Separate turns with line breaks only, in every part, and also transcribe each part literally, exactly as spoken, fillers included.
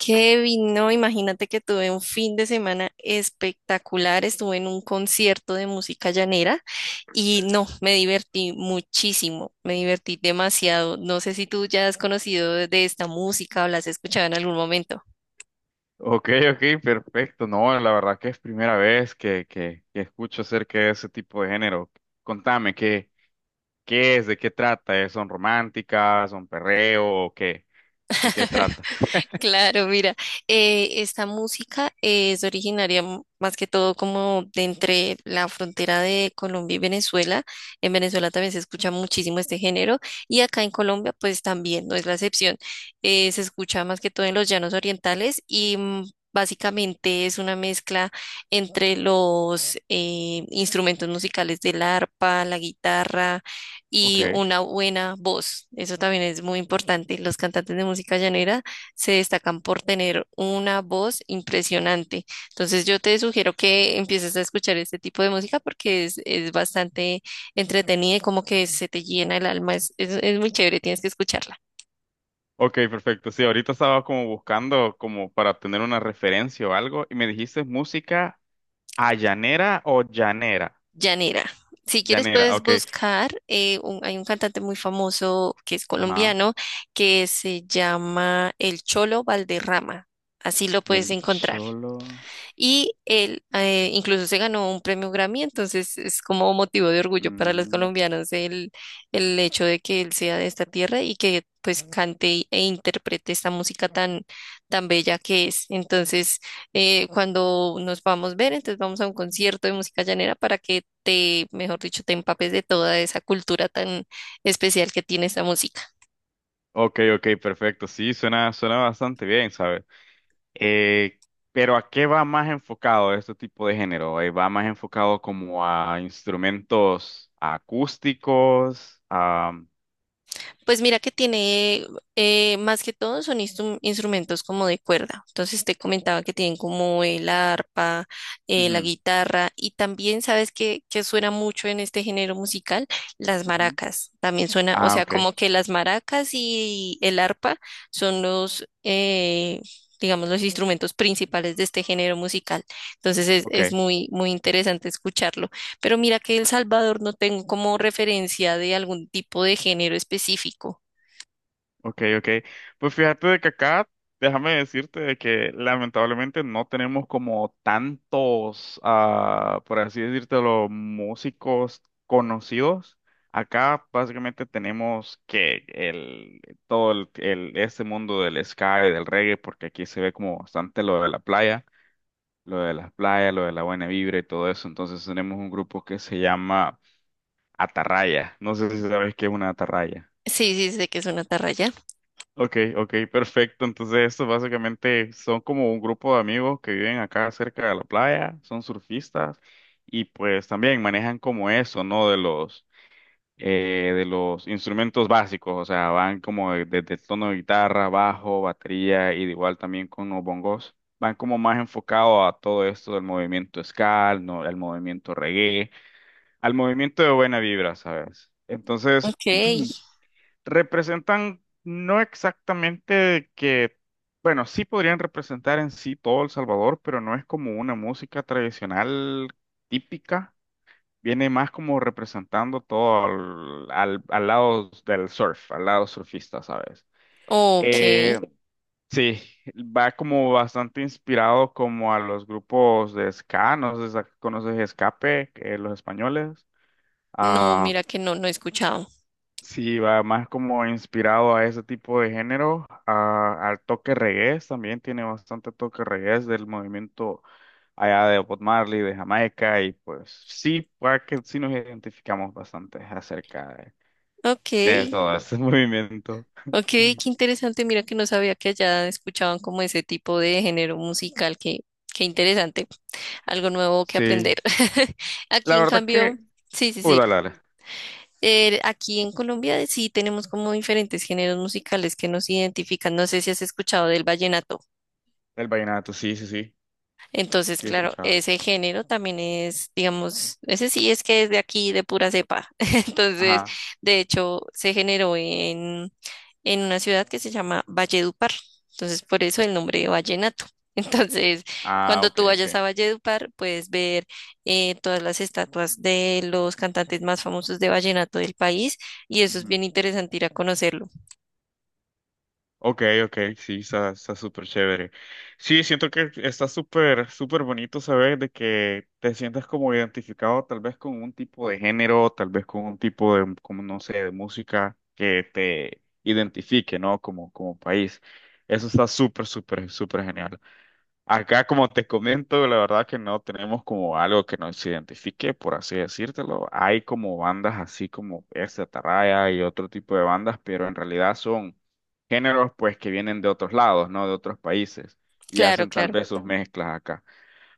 Kevin, no, imagínate que tuve un fin de semana espectacular, estuve en un concierto de música llanera y no, me divertí muchísimo, me divertí demasiado. No sé si tú ya has conocido de esta música o la has escuchado en algún momento.
Ok, ok, perfecto. No, la verdad que es primera vez que, que, que escucho acerca de ese tipo de género. Contame, ¿qué, qué es? ¿De qué trata? ¿Eh? ¿Son románticas? ¿Son perreo? ¿O qué? ¿De qué trata?
Claro, mira, eh, esta música eh, es originaria m- más que todo como de entre la frontera de Colombia y Venezuela. En Venezuela también se escucha muchísimo este género y acá en Colombia pues también, no es la excepción. Eh, se escucha más que todo en los llanos orientales y mm, básicamente es una mezcla entre los eh, instrumentos musicales del arpa, la guitarra y
Ok,
una buena voz. Eso también es muy importante. Los cantantes de música llanera se destacan por tener una voz impresionante. Entonces yo te sugiero que empieces a escuchar este tipo de música porque es, es bastante entretenida y como que se te llena el alma. Es, es- es muy chévere, tienes que escucharla.
ok, perfecto. Sí, ahorita estaba como buscando como para tener una referencia o algo y me dijiste música allanera o llanera.
Llanera. Si quieres
Llanera,
puedes
ok.
buscar, eh, un- hay un cantante muy famoso que es
Ajá.
colombiano que se llama El Cholo Valderrama. Así lo puedes
El
encontrar.
cholo.
Y él eh, incluso se ganó un premio Grammy, entonces es como motivo de orgullo para los
Mm.
colombianos el, el hecho de que él sea de esta tierra y que pues cante e interprete esta música tan, tan bella que es. Entonces, eh, cuando nos vamos a ver, entonces vamos a un concierto de música llanera para que te, mejor dicho, te empapes de toda esa cultura tan especial que tiene esta música.
Ok, ok, perfecto. Sí, suena, suena bastante bien, ¿sabes? Eh, pero ¿a qué va más enfocado este tipo de género? Eh, ¿va más enfocado como a instrumentos acústicos? A...
Pues mira que tiene, eh, más que todo son instru- instrumentos como de cuerda. Entonces te comentaba que tienen como el arpa, eh, la
Ujú,
guitarra y también sabes que, que suena mucho en este género musical, las
ujú.
maracas. También suena, o
Ah,
sea,
ok,
como que las maracas y el arpa son los, eh, digamos, los instrumentos principales de este género musical. Entonces es, es
ok.
muy, muy interesante escucharlo. Pero mira que El Salvador no tengo como referencia de algún tipo de género específico.
Ok, ok. Pues fíjate de que acá, déjame decirte de que lamentablemente no tenemos como tantos, ah, por así los músicos conocidos. Acá básicamente tenemos que el, todo el, el- este mundo del ska y del reggae, porque aquí se ve como bastante lo de la playa, lo de las playas, lo de la buena vibra y todo eso. Entonces tenemos un grupo que se llama Atarraya. No sé si sabes qué es una atarraya.
Sí, sí, sé que es una atarraya.
Ok, ok, perfecto. Entonces, estos básicamente son como un grupo de amigos que viven acá cerca de la playa, son surfistas y pues también manejan como eso, ¿no? De los, eh, de los instrumentos básicos, o sea, van como de- desde el tono de guitarra, bajo, batería y de igual también con los bongos. Van como más enfocado a todo esto del movimiento ska, al, no- al movimiento reggae, al movimiento de buena vibra, ¿sabes? Entonces,
Ok,
representan no exactamente que, bueno, sí podrían representar en sí todo El Salvador, pero no es como una música tradicional típica, viene más como representando todo al, al- al lado del surf, al lado surfista, ¿sabes?
ok.
Eh, sí, va como bastante inspirado como a los grupos de ska, no sé si conoces Escape, eh, los españoles.
No,
Ah.
mira que no, no he escuchado.
Sí, va más como inspirado a ese tipo de género, a- al toque reggae, también tiene bastante toque reggae del movimiento allá de Bob Marley, de Jamaica, y pues sí, puede que sí nos identificamos bastante acerca de,
Ok,
de todo ese movimiento.
ok, qué interesante. Mira que no sabía que allá escuchaban como ese tipo de género musical. Qué, qué interesante. Algo nuevo que aprender.
Sí,
Aquí
la
en
verdad que,
cambio, sí, sí,
uy,
sí.
dale, dale,
Eh, aquí en Colombia sí tenemos como diferentes géneros musicales que nos identifican. No sé si has escuchado del vallenato.
el vallenato, sí, sí, sí,
Entonces,
sí he
claro,
escuchado.
ese género también es, digamos, ese sí es que es de aquí, de pura cepa. Entonces,
Ajá,
de hecho, se generó en, en una ciudad que se llama Valledupar. Entonces, por eso el nombre de vallenato. Entonces,
ah,
cuando
ok,
tú
ok.
vayas a Valledupar, puedes ver eh, todas las estatuas de los cantantes más famosos de vallenato del país y eso es bien interesante ir a conocerlo.
Ok, ok, sí, está, está súper chévere. Sí, siento que está súper, súper bonito saber de que te sientas como identificado tal vez con un tipo de género, tal vez con un tipo de, como no sé, de música que te identifique, ¿no? Como, como país. Eso está súper, súper, súper genial. Acá, como te comento, la verdad que no tenemos como algo que nos identifique, por así decírtelo. Hay como bandas así como esta Atarraya y otro tipo de bandas, pero en realidad son géneros pues que vienen de otros lados, ¿no? De otros países y
Claro,
hacen tal
claro.
vez sus mezclas acá.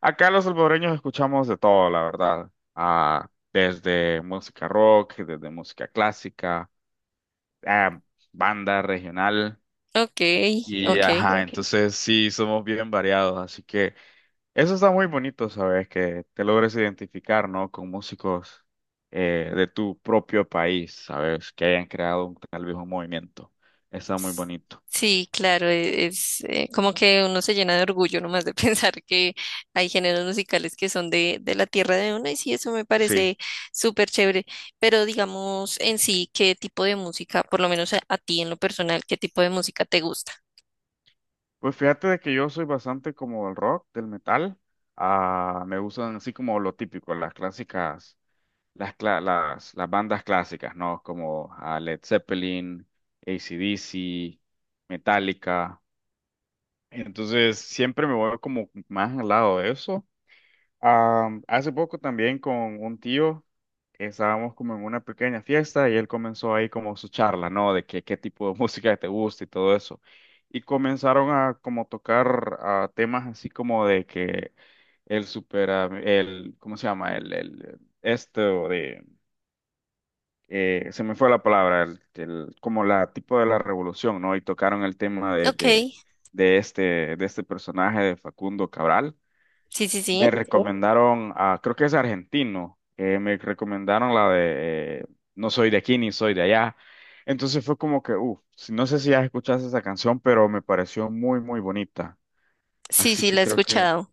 Acá los salvadoreños escuchamos de todo, la verdad. Ah, desde música rock, desde música clásica, ah, banda regional
Ok,
y
ok.
ajá, entonces sí, somos bien variados, así que... Eso está muy bonito, ¿sabes? Que te logres identificar, ¿no? Con músicos eh, de tu propio país, ¿sabes? Que hayan creado un- tal vez un movimiento. Está muy bonito.
Sí, claro, e- es, eh, como que uno se llena de orgullo nomás de pensar que hay géneros musicales que son de, de la tierra de uno y sí, eso me
Sí.
parece súper chévere, pero digamos en sí, ¿qué tipo de música, por lo menos a, a ti en lo personal, qué tipo de música te gusta?
Pues fíjate de que yo soy bastante como del rock, del metal. Ah, me gustan así como lo típico, las clásicas, las, cla- las, las bandas clásicas, ¿no? Como ah, Led Zeppelin, A C/D C, Metallica. Entonces siempre me voy como más al lado de eso. Am, hace poco también con un tío estábamos como en una pequeña fiesta y él comenzó ahí como su charla, ¿no? De que, qué tipo de música te gusta y todo eso. Y comenzaron a como tocar ah, temas así como de que el supera, el, ¿cómo se llama? El, el, esto de, eh, se me fue la palabra, el, el- como la tipo de la revolución, ¿no? Y tocaron el tema de,
Ok,
de,
sí,
de este, de este personaje de Facundo Cabral
sí,
me ¿no?
sí,
recomendaron, a, creo que es argentino, eh, me recomendaron la de eh, No soy de aquí ni soy de allá. Entonces fue como que, uff, no sé si ya escuchaste esa canción, pero me pareció muy, muy bonita.
sí,
Así
sí,
que
la he
creo que
escuchado.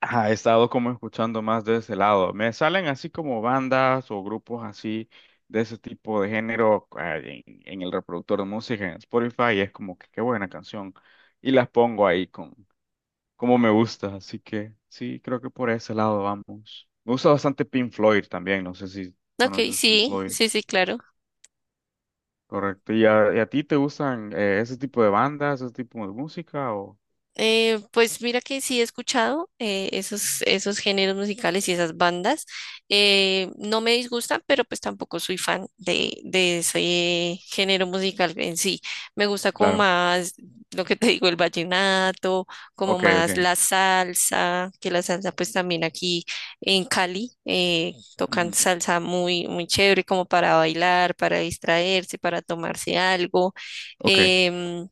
ajá, he estado como escuchando más de ese lado. Me salen así como bandas o grupos así de ese tipo de género eh, en, en el reproductor de música en Spotify y es como que qué buena canción. Y las pongo ahí con como me gusta, así que sí, creo que por ese lado vamos. Me gusta bastante Pink Floyd también, no sé si
Ok,
conoces Pink
sí,
Floyd,
sí, sí, claro.
correcto. ¿Y a, y a ti te gustan eh, ese tipo de bandas, ese tipo de música o...?
Eh, pues mira que sí he escuchado eh, esos, esos géneros musicales y esas bandas. Eh, no me disgustan, pero pues tampoco soy fan de, de ese género musical en sí. Me gusta como
Claro,
más lo que te digo, el vallenato, como
ok, ok,
más la salsa, que la salsa pues también aquí en Cali eh, tocan
ujú,
salsa muy, muy chévere como para bailar, para distraerse, para tomarse algo.
ok,
Em,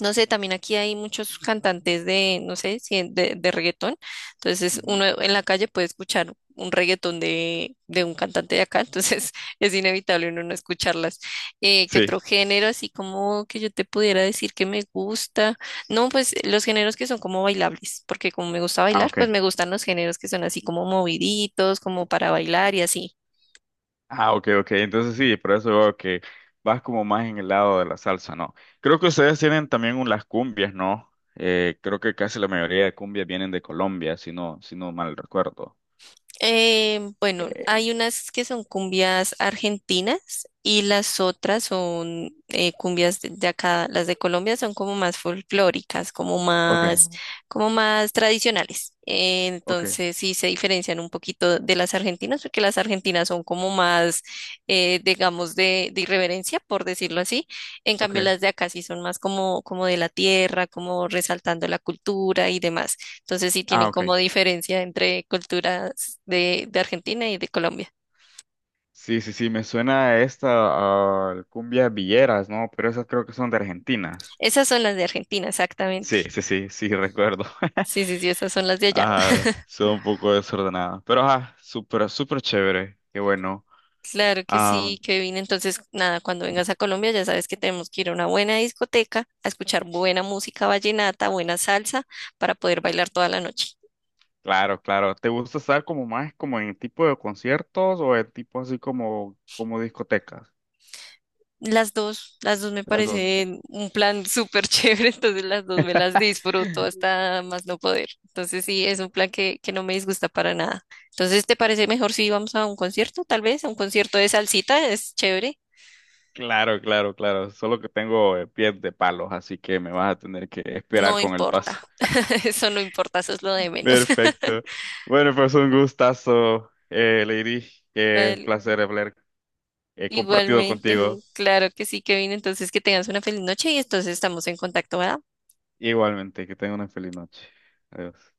no sé, también aquí hay muchos cantantes de, no sé, si en- de, de reggaetón. Entonces,
ujú.
uno en la calle puede escuchar un reggaetón de, de un cantante de acá. Entonces, es inevitable uno no escucharlas. Eh, ¿qué
Sí,
otro género? Así como que yo te pudiera decir que me gusta. No, pues los géneros que son como bailables, porque como me gusta
ah,
bailar, pues
ok,
me gustan los géneros que son así como moviditos, como para bailar y así.
ah, ok, ok, entonces sí, por eso veo que vas como más en el lado de la salsa, ¿no? Creo que ustedes tienen también un- las cumbias, ¿no? Eh, creo que casi la mayoría de cumbias vienen de Colombia, si no, si no mal recuerdo.
Eh, bueno, hay unas que son cumbias argentinas y las otras son eh, cumbias de, de acá. Las de Colombia son como más folclóricas, como
Ok,
más,
ajá.
como más tradicionales. Eh,
Ok.
entonces sí se diferencian un poquito de las argentinas porque las argentinas son como más, eh, digamos, de, de irreverencia, por decirlo así. En cambio,
Ok.
las de acá sí son más como, como de la tierra, como resaltando la cultura y demás. Entonces sí
Ah,
tienen
ok.
como diferencia entre culturas de, de Argentina y de Colombia.
Sí, sí, sí, me suena a esta, a cumbia villeras, ¿no? Pero esas creo que son de Argentinas.
Esas son las de Argentina, exactamente.
Sí, sí, sí, sí, recuerdo.
Sí, sí, sí, esas son las de allá.
Ah, son un poco desordenadas. Pero ajá, súper, súper chévere. Qué bueno.
Claro que
Ah,
sí, Kevin. Entonces, nada, cuando vengas a Colombia ya sabes que tenemos que ir a una buena discoteca a escuchar buena música vallenata, buena salsa para poder bailar toda la noche.
claro, claro. ¿Te gusta estar como más como en tipo de conciertos o en tipo así como, como discotecas?
Las dos, las dos me
Las dos.
parecen un plan súper chévere, entonces las dos me las disfruto hasta más no poder. Entonces sí, es un plan que, que no me disgusta para nada. Entonces, ¿te parece mejor si vamos a un concierto, tal vez? A un concierto de salsita, es chévere.
Claro, claro, claro. Solo que tengo eh, pies de palos, así que me vas a tener que
No
esperar con el paso.
importa, eso no importa, eso es lo de menos.
Perfecto. Bueno, pues un gustazo, eh, Lady. Qué
Vale,
placer haber eh, compartido
igualmente,
contigo.
claro que sí, Kevin. Entonces, que tengas una feliz noche y entonces estamos en contacto, ¿verdad?
Sí. Igualmente, que tenga una feliz noche. Adiós.